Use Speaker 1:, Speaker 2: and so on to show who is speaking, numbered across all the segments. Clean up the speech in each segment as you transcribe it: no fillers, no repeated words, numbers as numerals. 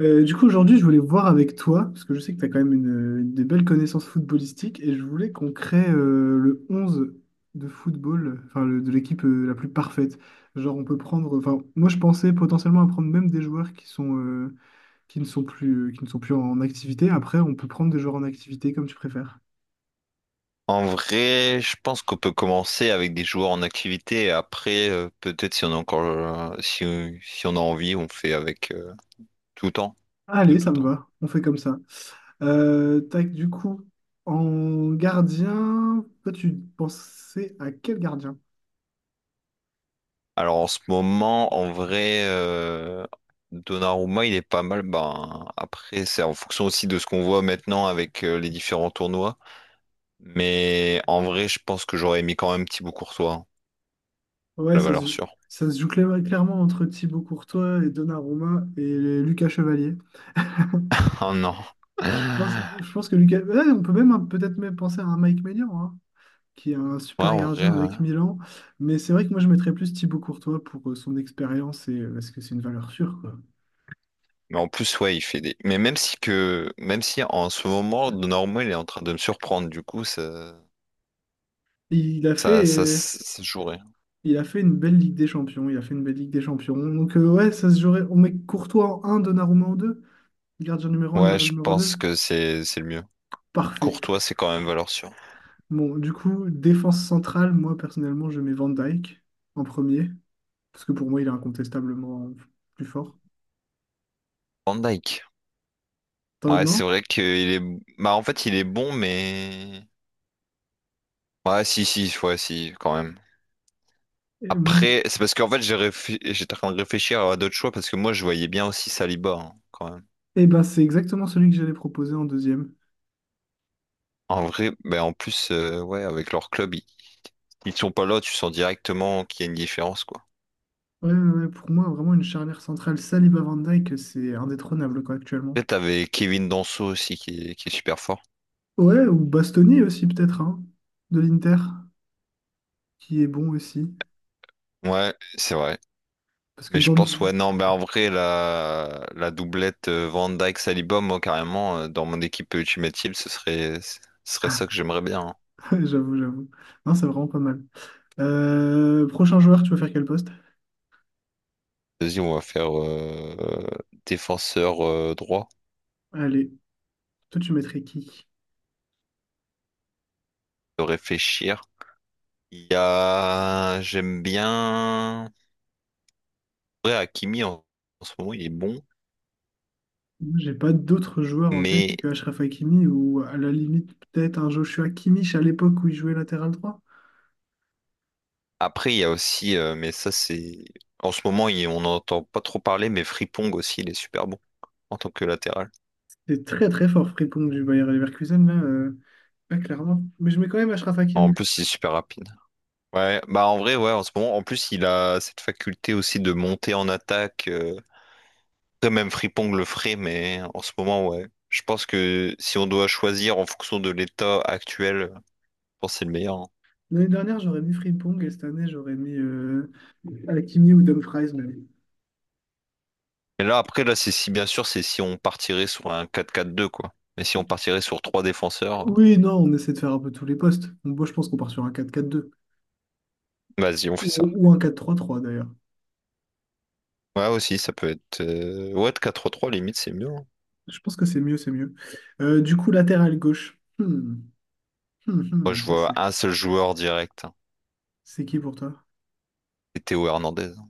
Speaker 1: Du coup, aujourd'hui, je voulais voir avec toi, parce que je sais que tu as quand même une des belles connaissances footballistiques, et je voulais qu'on crée le 11 de football, de l'équipe la plus parfaite. Genre, on peut prendre, enfin, moi je pensais potentiellement à prendre même des joueurs qui ne sont plus en activité. Après, on peut prendre des joueurs en activité comme tu préfères.
Speaker 2: En vrai, je pense qu'on peut commencer avec des joueurs en activité et après, peut-être si on a encore, si on a envie, on fait avec tout temps, de
Speaker 1: Allez, ça
Speaker 2: tout
Speaker 1: me
Speaker 2: temps.
Speaker 1: va, on fait comme ça. Tac, du coup, en gardien, toi, tu pensais à quel gardien?
Speaker 2: Alors en ce moment, en vrai, Donnarumma, il est pas mal. Ben, après, c'est en fonction aussi de ce qu'on voit maintenant avec les différents tournois. Mais en vrai, je pense que j'aurais mis quand même Thibaut Courtois, hein,
Speaker 1: Ouais,
Speaker 2: la
Speaker 1: ça
Speaker 2: valeur
Speaker 1: se,
Speaker 2: sûre.
Speaker 1: ça se joue clairement entre Thibaut Courtois et Donnarumma et Lucas Chevalier.
Speaker 2: Oh non.
Speaker 1: Je pense que Lucas. Ouais, on peut même peut-être même penser à un Mike Maignan, hein, qui est un
Speaker 2: Ouais,
Speaker 1: super
Speaker 2: en vrai.
Speaker 1: gardien avec Milan. Mais c'est vrai que moi, je mettrais plus Thibaut Courtois pour son expérience et parce que c'est une valeur sûre, quoi.
Speaker 2: Mais en plus, ouais, il fait des. Mais même si que, même si en ce moment, Normand, il est en train de me surprendre, du coup, ça,
Speaker 1: Et il a
Speaker 2: ça, ça, ça, se jouerait.
Speaker 1: fait une belle Ligue des Champions. Il a fait une belle Ligue des Champions. Donc, ouais, ça se jouerait. On met Courtois en un, Donnarumma en 2. Gardien numéro un,
Speaker 2: Ouais,
Speaker 1: gardien
Speaker 2: je
Speaker 1: numéro 2.
Speaker 2: pense que c'est le mieux.
Speaker 1: Parfait.
Speaker 2: Courtois, c'est quand même valeur sûre.
Speaker 1: Bon, du coup, défense centrale, moi personnellement, je mets Van Dyke en premier, parce que pour moi, il est incontestablement plus fort.
Speaker 2: Van Dyke.
Speaker 1: T'en
Speaker 2: Ouais, c'est
Speaker 1: non?
Speaker 2: vrai qu'il est, bah, en fait, il est bon, mais, ouais, si, quand même.
Speaker 1: Et moi-
Speaker 2: Après, c'est parce qu'en fait, j'étais en train de réfléchir à d'autres choix parce que moi, je voyais bien aussi Saliba, hein, quand même.
Speaker 1: eh ben, c'est exactement celui que j'allais proposer en deuxième.
Speaker 2: En vrai, ben en plus, ouais, avec leur club, ils sont pas là, tu sens directement qu'il y a une différence, quoi.
Speaker 1: Ouais, ouais, ouais, pour moi, vraiment une charnière centrale Saliba Van Dyke, c'est indétrônable quoi, actuellement.
Speaker 2: Peut-être t'avais Kevin Danso aussi qui est super fort.
Speaker 1: Ouais, ou Bastoni aussi, peut-être, hein, de l'Inter, qui est bon aussi.
Speaker 2: Ouais, c'est vrai.
Speaker 1: Parce que
Speaker 2: Mais je
Speaker 1: dans.
Speaker 2: pense, ouais, non, mais en vrai, la doublette Van Dijk-Saliba, moi, carrément, dans mon équipe Ultimate Team, ce serait ça que j'aimerais bien, hein.
Speaker 1: J'avoue, j'avoue. Non, c'est vraiment pas mal. Prochain joueur, tu vas faire quel poste?
Speaker 2: Vas-y, on va faire défenseur droit,
Speaker 1: Allez, toi, tu mettrais qui?
Speaker 2: de réfléchir. Il y a... J'aime bien... Ouais, Hakimi, en ce moment, il est bon.
Speaker 1: Moi, j'ai pas d'autres joueurs en tête
Speaker 2: Mais
Speaker 1: que Achraf Hakimi ou à la limite peut-être un Joshua Kimmich à l'époque où il jouait latéral droit.
Speaker 2: après, il y a aussi... mais ça, c'est... En ce moment, on n'entend pas trop parler, mais Frimpong aussi, il est super bon en tant que latéral.
Speaker 1: C'est très très fort Frimpong du Bayer Leverkusen là, pas clairement. Mais je mets quand même Achraf
Speaker 2: En
Speaker 1: Hakimi.
Speaker 2: plus, il est super rapide. Ouais, bah en vrai, ouais, en ce moment, en plus, il a cette faculté aussi de monter en attaque. Après, même Frimpong le ferait, mais en ce moment, ouais. Je pense que si on doit choisir en fonction de l'état actuel, je pense que c'est le meilleur, hein.
Speaker 1: L'année dernière j'aurais mis Frimpong et cette année j'aurais mis Hakimi ou Dumfries même.
Speaker 2: Et là, après, là, c'est si, bien sûr, c'est si on partirait sur un 4-4-2, quoi. Mais si on partirait sur trois défenseurs,
Speaker 1: Oui, non, on essaie de faire un peu tous les postes. Bon, moi je pense qu'on part sur un 4-4-2
Speaker 2: vas-y, on fait ça.
Speaker 1: ou un 4-3-3 d'ailleurs.
Speaker 2: Ouais, aussi, ça peut être. Ouais, 4-3-3, limite, c'est mieux, hein.
Speaker 1: Je pense que c'est mieux, c'est mieux. Du coup, latéral gauche.
Speaker 2: Moi,
Speaker 1: Hmm.
Speaker 2: je
Speaker 1: Ça
Speaker 2: vois
Speaker 1: c'est
Speaker 2: un seul joueur direct, hein.
Speaker 1: c'est qui pour toi?
Speaker 2: C'est Théo Hernandez, hein.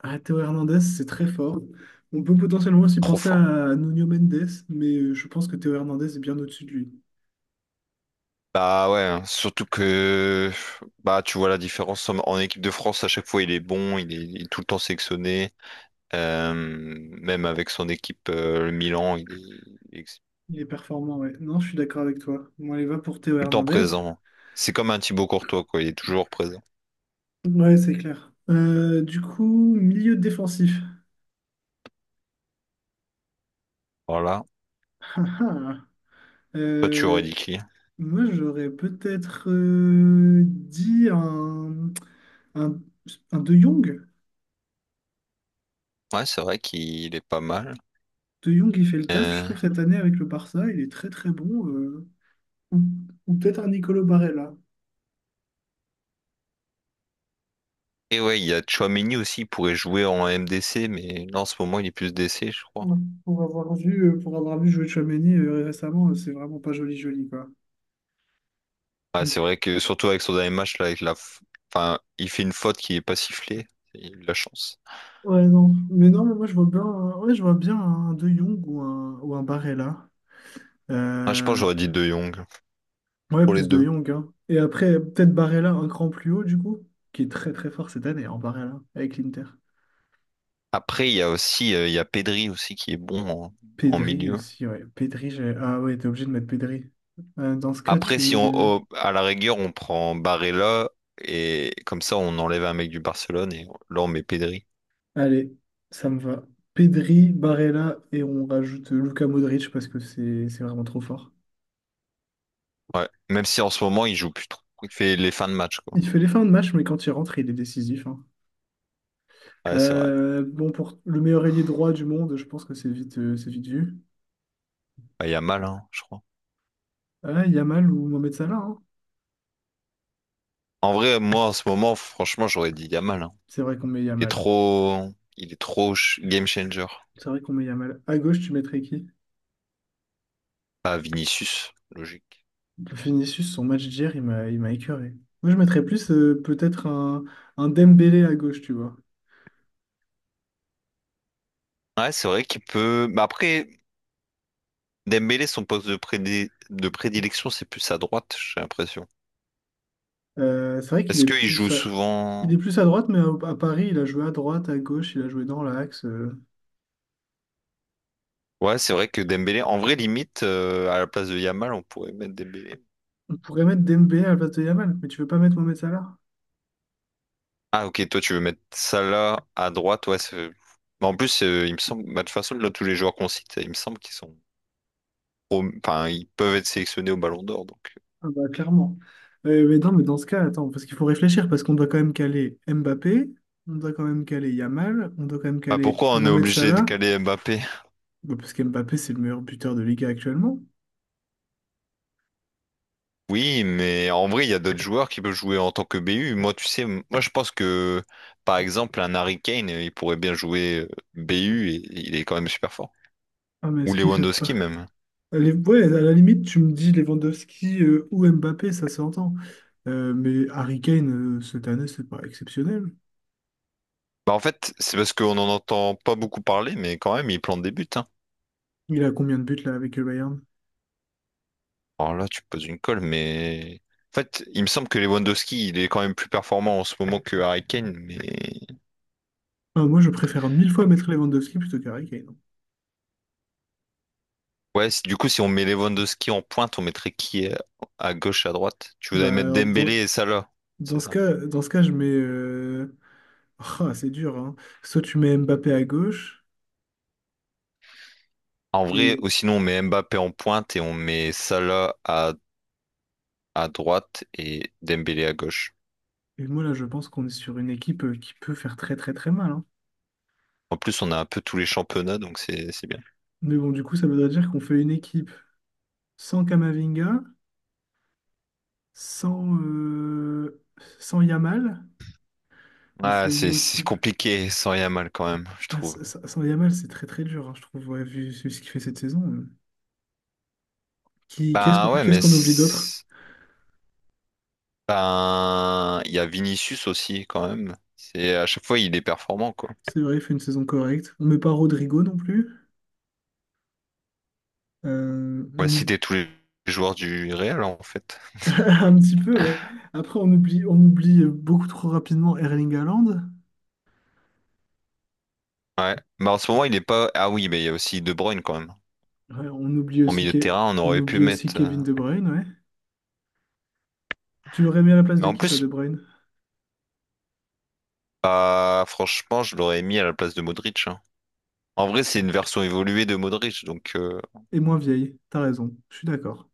Speaker 1: Ah, Théo Hernandez, c'est très fort. On peut potentiellement aussi
Speaker 2: Trop
Speaker 1: penser
Speaker 2: fort.
Speaker 1: à Nuno Mendes, mais je pense que Théo Hernandez est bien au-dessus de lui.
Speaker 2: Bah ouais, hein. Surtout que bah tu vois la différence en équipe de France à chaque fois il est bon, il est tout le temps sélectionné. Euh, Même avec son équipe le Milan il est tout
Speaker 1: Il est performant, ouais. Non, je suis d'accord avec toi. Moi, les va pour Théo
Speaker 2: le temps
Speaker 1: Hernandez.
Speaker 2: présent. C'est comme un Thibaut Courtois quoi, il est toujours présent.
Speaker 1: Ouais, c'est clair. Du coup, milieu défensif.
Speaker 2: Voilà.
Speaker 1: Ah, ah.
Speaker 2: Toi tu aurais dit
Speaker 1: Euh,
Speaker 2: qui?
Speaker 1: Moi, j'aurais peut-être dit un, un De Jong.
Speaker 2: Ouais c'est vrai qu'il est pas mal.
Speaker 1: De Jong, il fait le taf, je
Speaker 2: Euh.
Speaker 1: trouve, cette année avec le Barça. Il est très, très bon. Ou ou peut-être un Nicolo Barella.
Speaker 2: Et ouais il y a Chouameni aussi, il pourrait jouer en MDC mais là en ce moment il est plus DC je crois.
Speaker 1: Ouais. Pour avoir vu jouer Tchouaméni récemment, c'est vraiment pas joli, joli, quoi.
Speaker 2: Ouais,
Speaker 1: Donc,
Speaker 2: c'est vrai que surtout avec son dernier match, là, avec enfin, il fait une faute qui est pas sifflée. Il a eu de la chance.
Speaker 1: ouais, non. Mais non, mais moi, je vois bien, ouais, je vois bien un De Jong ou un Barella.
Speaker 2: Ah, je pense que
Speaker 1: Euh,
Speaker 2: j'aurais dit De Jong
Speaker 1: Ouais,
Speaker 2: pour les
Speaker 1: plus De
Speaker 2: deux.
Speaker 1: Jong, hein. Et après, peut-être Barella un cran plus haut, du coup, qui est très, très fort cette année, en Barella, avec l'Inter.
Speaker 2: Après, il y a aussi il y a Pedri aussi qui est bon en, en
Speaker 1: Pedri
Speaker 2: milieu.
Speaker 1: aussi, ouais. Pedri, j'ai... Ah ouais, t'es obligé de mettre Pedri. Dans ce cas,
Speaker 2: Après,
Speaker 1: tu
Speaker 2: si
Speaker 1: mets...
Speaker 2: on à la rigueur, on prend Barella et comme ça, on enlève un mec du Barcelone et là, on met Pedri.
Speaker 1: Allez, ça me va. Pedri, Barella, et on rajoute Luka Modric parce que c'est vraiment trop fort.
Speaker 2: Ouais. Même si en ce moment, il joue plus trop. Il fait les fins de match, quoi.
Speaker 1: Il fait les fins de match, mais quand il rentre, il est décisif, hein.
Speaker 2: Ouais, c'est vrai.
Speaker 1: Bon, pour le meilleur ailier droit du monde, je pense que c'est vite vu.
Speaker 2: Bah, Yamal, hein, je crois.
Speaker 1: Ah, Yamal ou Mohamed Salah, hein.
Speaker 2: En vrai, moi, en ce moment, franchement, j'aurais dit Yamal, hein.
Speaker 1: C'est vrai qu'on met
Speaker 2: Il est
Speaker 1: Yamal.
Speaker 2: trop, game changer.
Speaker 1: C'est vrai qu'on met Yamal. À gauche, tu mettrais qui?
Speaker 2: Pas Vinicius, logique.
Speaker 1: Vinicius, son match d'hier, il m'a écœuré. Moi, je mettrais plus peut-être un Dembélé à gauche, tu vois.
Speaker 2: Ouais, c'est vrai qu'il peut. Mais après, Dembélé, son poste de de prédilection, c'est plus à droite, j'ai l'impression.
Speaker 1: C'est vrai qu'il
Speaker 2: Est-ce
Speaker 1: est
Speaker 2: qu'il joue
Speaker 1: il est
Speaker 2: souvent?
Speaker 1: plus à droite, mais à Paris, il a joué à droite, à gauche, il a joué dans l'axe.
Speaker 2: Ouais, c'est vrai que Dembélé, en vrai, limite, à la place de Yamal, on pourrait mettre Dembélé.
Speaker 1: On pourrait mettre Dembélé à la place de Yamal, mais tu veux pas mettre Mohamed Salah?
Speaker 2: Ah, ok, toi, tu veux mettre Salah à droite, ouais. Mais en plus, il me semble, bah, de toute façon, là, tous les joueurs qu'on cite, il me semble qu'ils sont, enfin, ils peuvent être sélectionnés au Ballon d'Or, donc. Euh.
Speaker 1: Ah bah, clairement. Mais non, mais dans ce cas, attends, parce qu'il faut réfléchir, parce qu'on doit quand même caler Mbappé, on doit quand même caler Yamal, on doit quand même
Speaker 2: Bah,
Speaker 1: caler
Speaker 2: pourquoi on est
Speaker 1: Mohamed
Speaker 2: obligé de
Speaker 1: Salah,
Speaker 2: caler Mbappé?
Speaker 1: bah, parce qu'Mbappé, c'est le meilleur buteur de Liga actuellement.
Speaker 2: Oui, mais en vrai, il y a d'autres joueurs qui peuvent jouer en tant que BU. Moi, tu sais, moi je pense que, par exemple, un Harry Kane, il pourrait bien jouer BU et il est quand même super fort.
Speaker 1: Ah, mais
Speaker 2: Ou
Speaker 1: est-ce qu'il fait pas...
Speaker 2: Lewandowski même.
Speaker 1: Allez, ouais, à la limite, tu me dis Lewandowski ou Mbappé, ça s'entend. Mais Harry Kane, cette année, c'est pas exceptionnel.
Speaker 2: Bah, en fait, c'est parce qu'on n'en entend pas beaucoup parler, mais quand même, il plante des buts, hein.
Speaker 1: Il a combien de buts, là, avec le Bayern?
Speaker 2: Alors là, tu poses une colle, mais... En fait, il me semble que Lewandowski, il est quand même plus performant en ce moment que Harry Kane, mais...
Speaker 1: Ah, moi, je préfère mille fois mettre Lewandowski plutôt qu'Harry Kane.
Speaker 2: Ouais, du coup, si on met Lewandowski en pointe, on mettrait qui à gauche, à droite? Tu voudrais
Speaker 1: Bah,
Speaker 2: mettre
Speaker 1: alors, dans,
Speaker 2: Dembélé et Salah,
Speaker 1: dans
Speaker 2: c'est
Speaker 1: ce
Speaker 2: ça?
Speaker 1: cas, dans ce cas, je mets... Ah, c'est dur, hein. Soit tu mets Mbappé à gauche,
Speaker 2: En vrai,
Speaker 1: et,
Speaker 2: ou sinon on met Mbappé en pointe et on met Salah à droite et Dembélé à gauche.
Speaker 1: et moi là je pense qu'on est sur une équipe qui peut faire très très très mal, hein.
Speaker 2: En plus, on a un peu tous les championnats, donc c'est bien.
Speaker 1: Mais bon, du coup, ça voudrait dire qu'on fait une équipe sans Kamavinga, sans, euh, sans Yamal. On
Speaker 2: Ah,
Speaker 1: fait une
Speaker 2: c'est
Speaker 1: équipe.
Speaker 2: compliqué sans rien mal quand même, je
Speaker 1: Ah,
Speaker 2: trouve.
Speaker 1: sans Yamal, c'est très très dur, hein, je trouve, ouais, vu ce qu'il fait cette saison. Qu'est-ce qu'on
Speaker 2: Ben ouais,
Speaker 1: qu'est-ce
Speaker 2: mais
Speaker 1: qu'on oublie d'autre?
Speaker 2: ben il y a Vinicius aussi quand même. C'est à chaque fois il est performant quoi.
Speaker 1: C'est vrai, il fait une saison correcte. On met pas Rodrigo non plus.
Speaker 2: On va
Speaker 1: On
Speaker 2: citer tous les joueurs du Real en fait.
Speaker 1: Un petit peu, ouais. Après, on oublie beaucoup trop rapidement Erling Haaland.
Speaker 2: Ouais. Mais en ce moment il est pas. Ah oui, mais il y a aussi De Bruyne quand même.
Speaker 1: Ouais, on oublie
Speaker 2: En
Speaker 1: aussi,
Speaker 2: milieu de
Speaker 1: Ke-
Speaker 2: terrain, on
Speaker 1: on
Speaker 2: aurait pu
Speaker 1: oublie aussi
Speaker 2: mettre. Euh.
Speaker 1: Kevin De Bruyne, ouais. Tu l'aurais mis à la place
Speaker 2: Mais
Speaker 1: de
Speaker 2: en
Speaker 1: qui, toi,
Speaker 2: plus.
Speaker 1: De Bruyne?
Speaker 2: Ah, franchement, je l'aurais mis à la place de Modric, hein. En vrai, c'est une version évoluée de Modric. Donc
Speaker 1: Et moins vieille, t'as raison, je suis d'accord.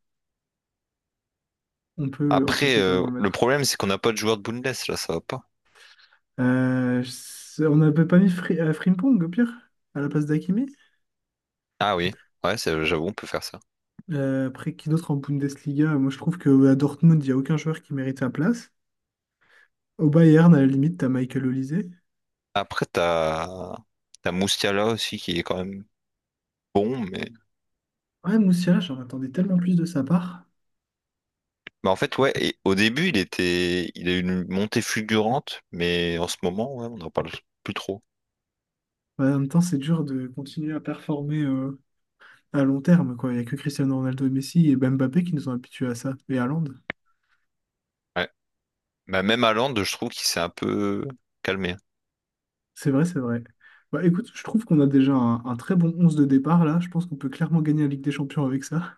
Speaker 1: On peut
Speaker 2: après,
Speaker 1: totalement le
Speaker 2: le
Speaker 1: mettre.
Speaker 2: problème, c'est qu'on n'a pas de joueur de Bundes là, ça va pas.
Speaker 1: On n'avait pas mis Frimpong, au pire, à la place d'Hakimi.
Speaker 2: Ah oui, ouais, j'avoue, on peut faire ça.
Speaker 1: Après, qui d'autre en Bundesliga? Moi, je trouve qu'à Dortmund, il n'y a aucun joueur qui mérite sa place. Au Bayern, à la limite, t'as Michael Olise.
Speaker 2: Après, t'as Moustiala aussi qui est quand même bon,
Speaker 1: Ouais, Moussiala, j'en attendais tellement plus de sa part.
Speaker 2: mais en fait, ouais, et au début, il a eu une montée fulgurante, mais en ce moment, ouais, on n'en parle plus trop.
Speaker 1: Ouais, en même temps, c'est dur de continuer à performer à long terme, quoi. Il n'y a que Cristiano Ronaldo et Messi et Mbappé qui nous ont habitués à ça. Et Haaland.
Speaker 2: Ouais. Bah, même Haaland, je trouve qu'il s'est un peu calmé.
Speaker 1: C'est vrai, c'est vrai. Bah, écoute, je trouve qu'on a déjà un très bon 11 de départ, là. Je pense qu'on peut clairement gagner la Ligue des Champions avec ça.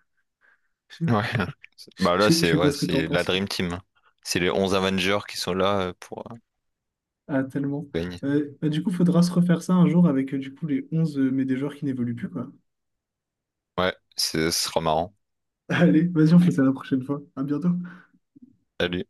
Speaker 1: Je
Speaker 2: Ouais.
Speaker 1: je-
Speaker 2: Bah là,
Speaker 1: je- je
Speaker 2: c'est
Speaker 1: sais pas
Speaker 2: ouais,
Speaker 1: ce que t'en
Speaker 2: c'est la
Speaker 1: penses.
Speaker 2: Dream Team. C'est les 11 Avengers qui sont là pour
Speaker 1: Ah, tellement.
Speaker 2: gagner.
Speaker 1: Bah, du coup, faudra se refaire ça un jour avec, du coup, les 11 mais des joueurs qui n'évoluent plus, quoi.
Speaker 2: Ouais, ce sera marrant.
Speaker 1: Allez, vas-y, on fait ça la prochaine fois. À bientôt.
Speaker 2: Salut.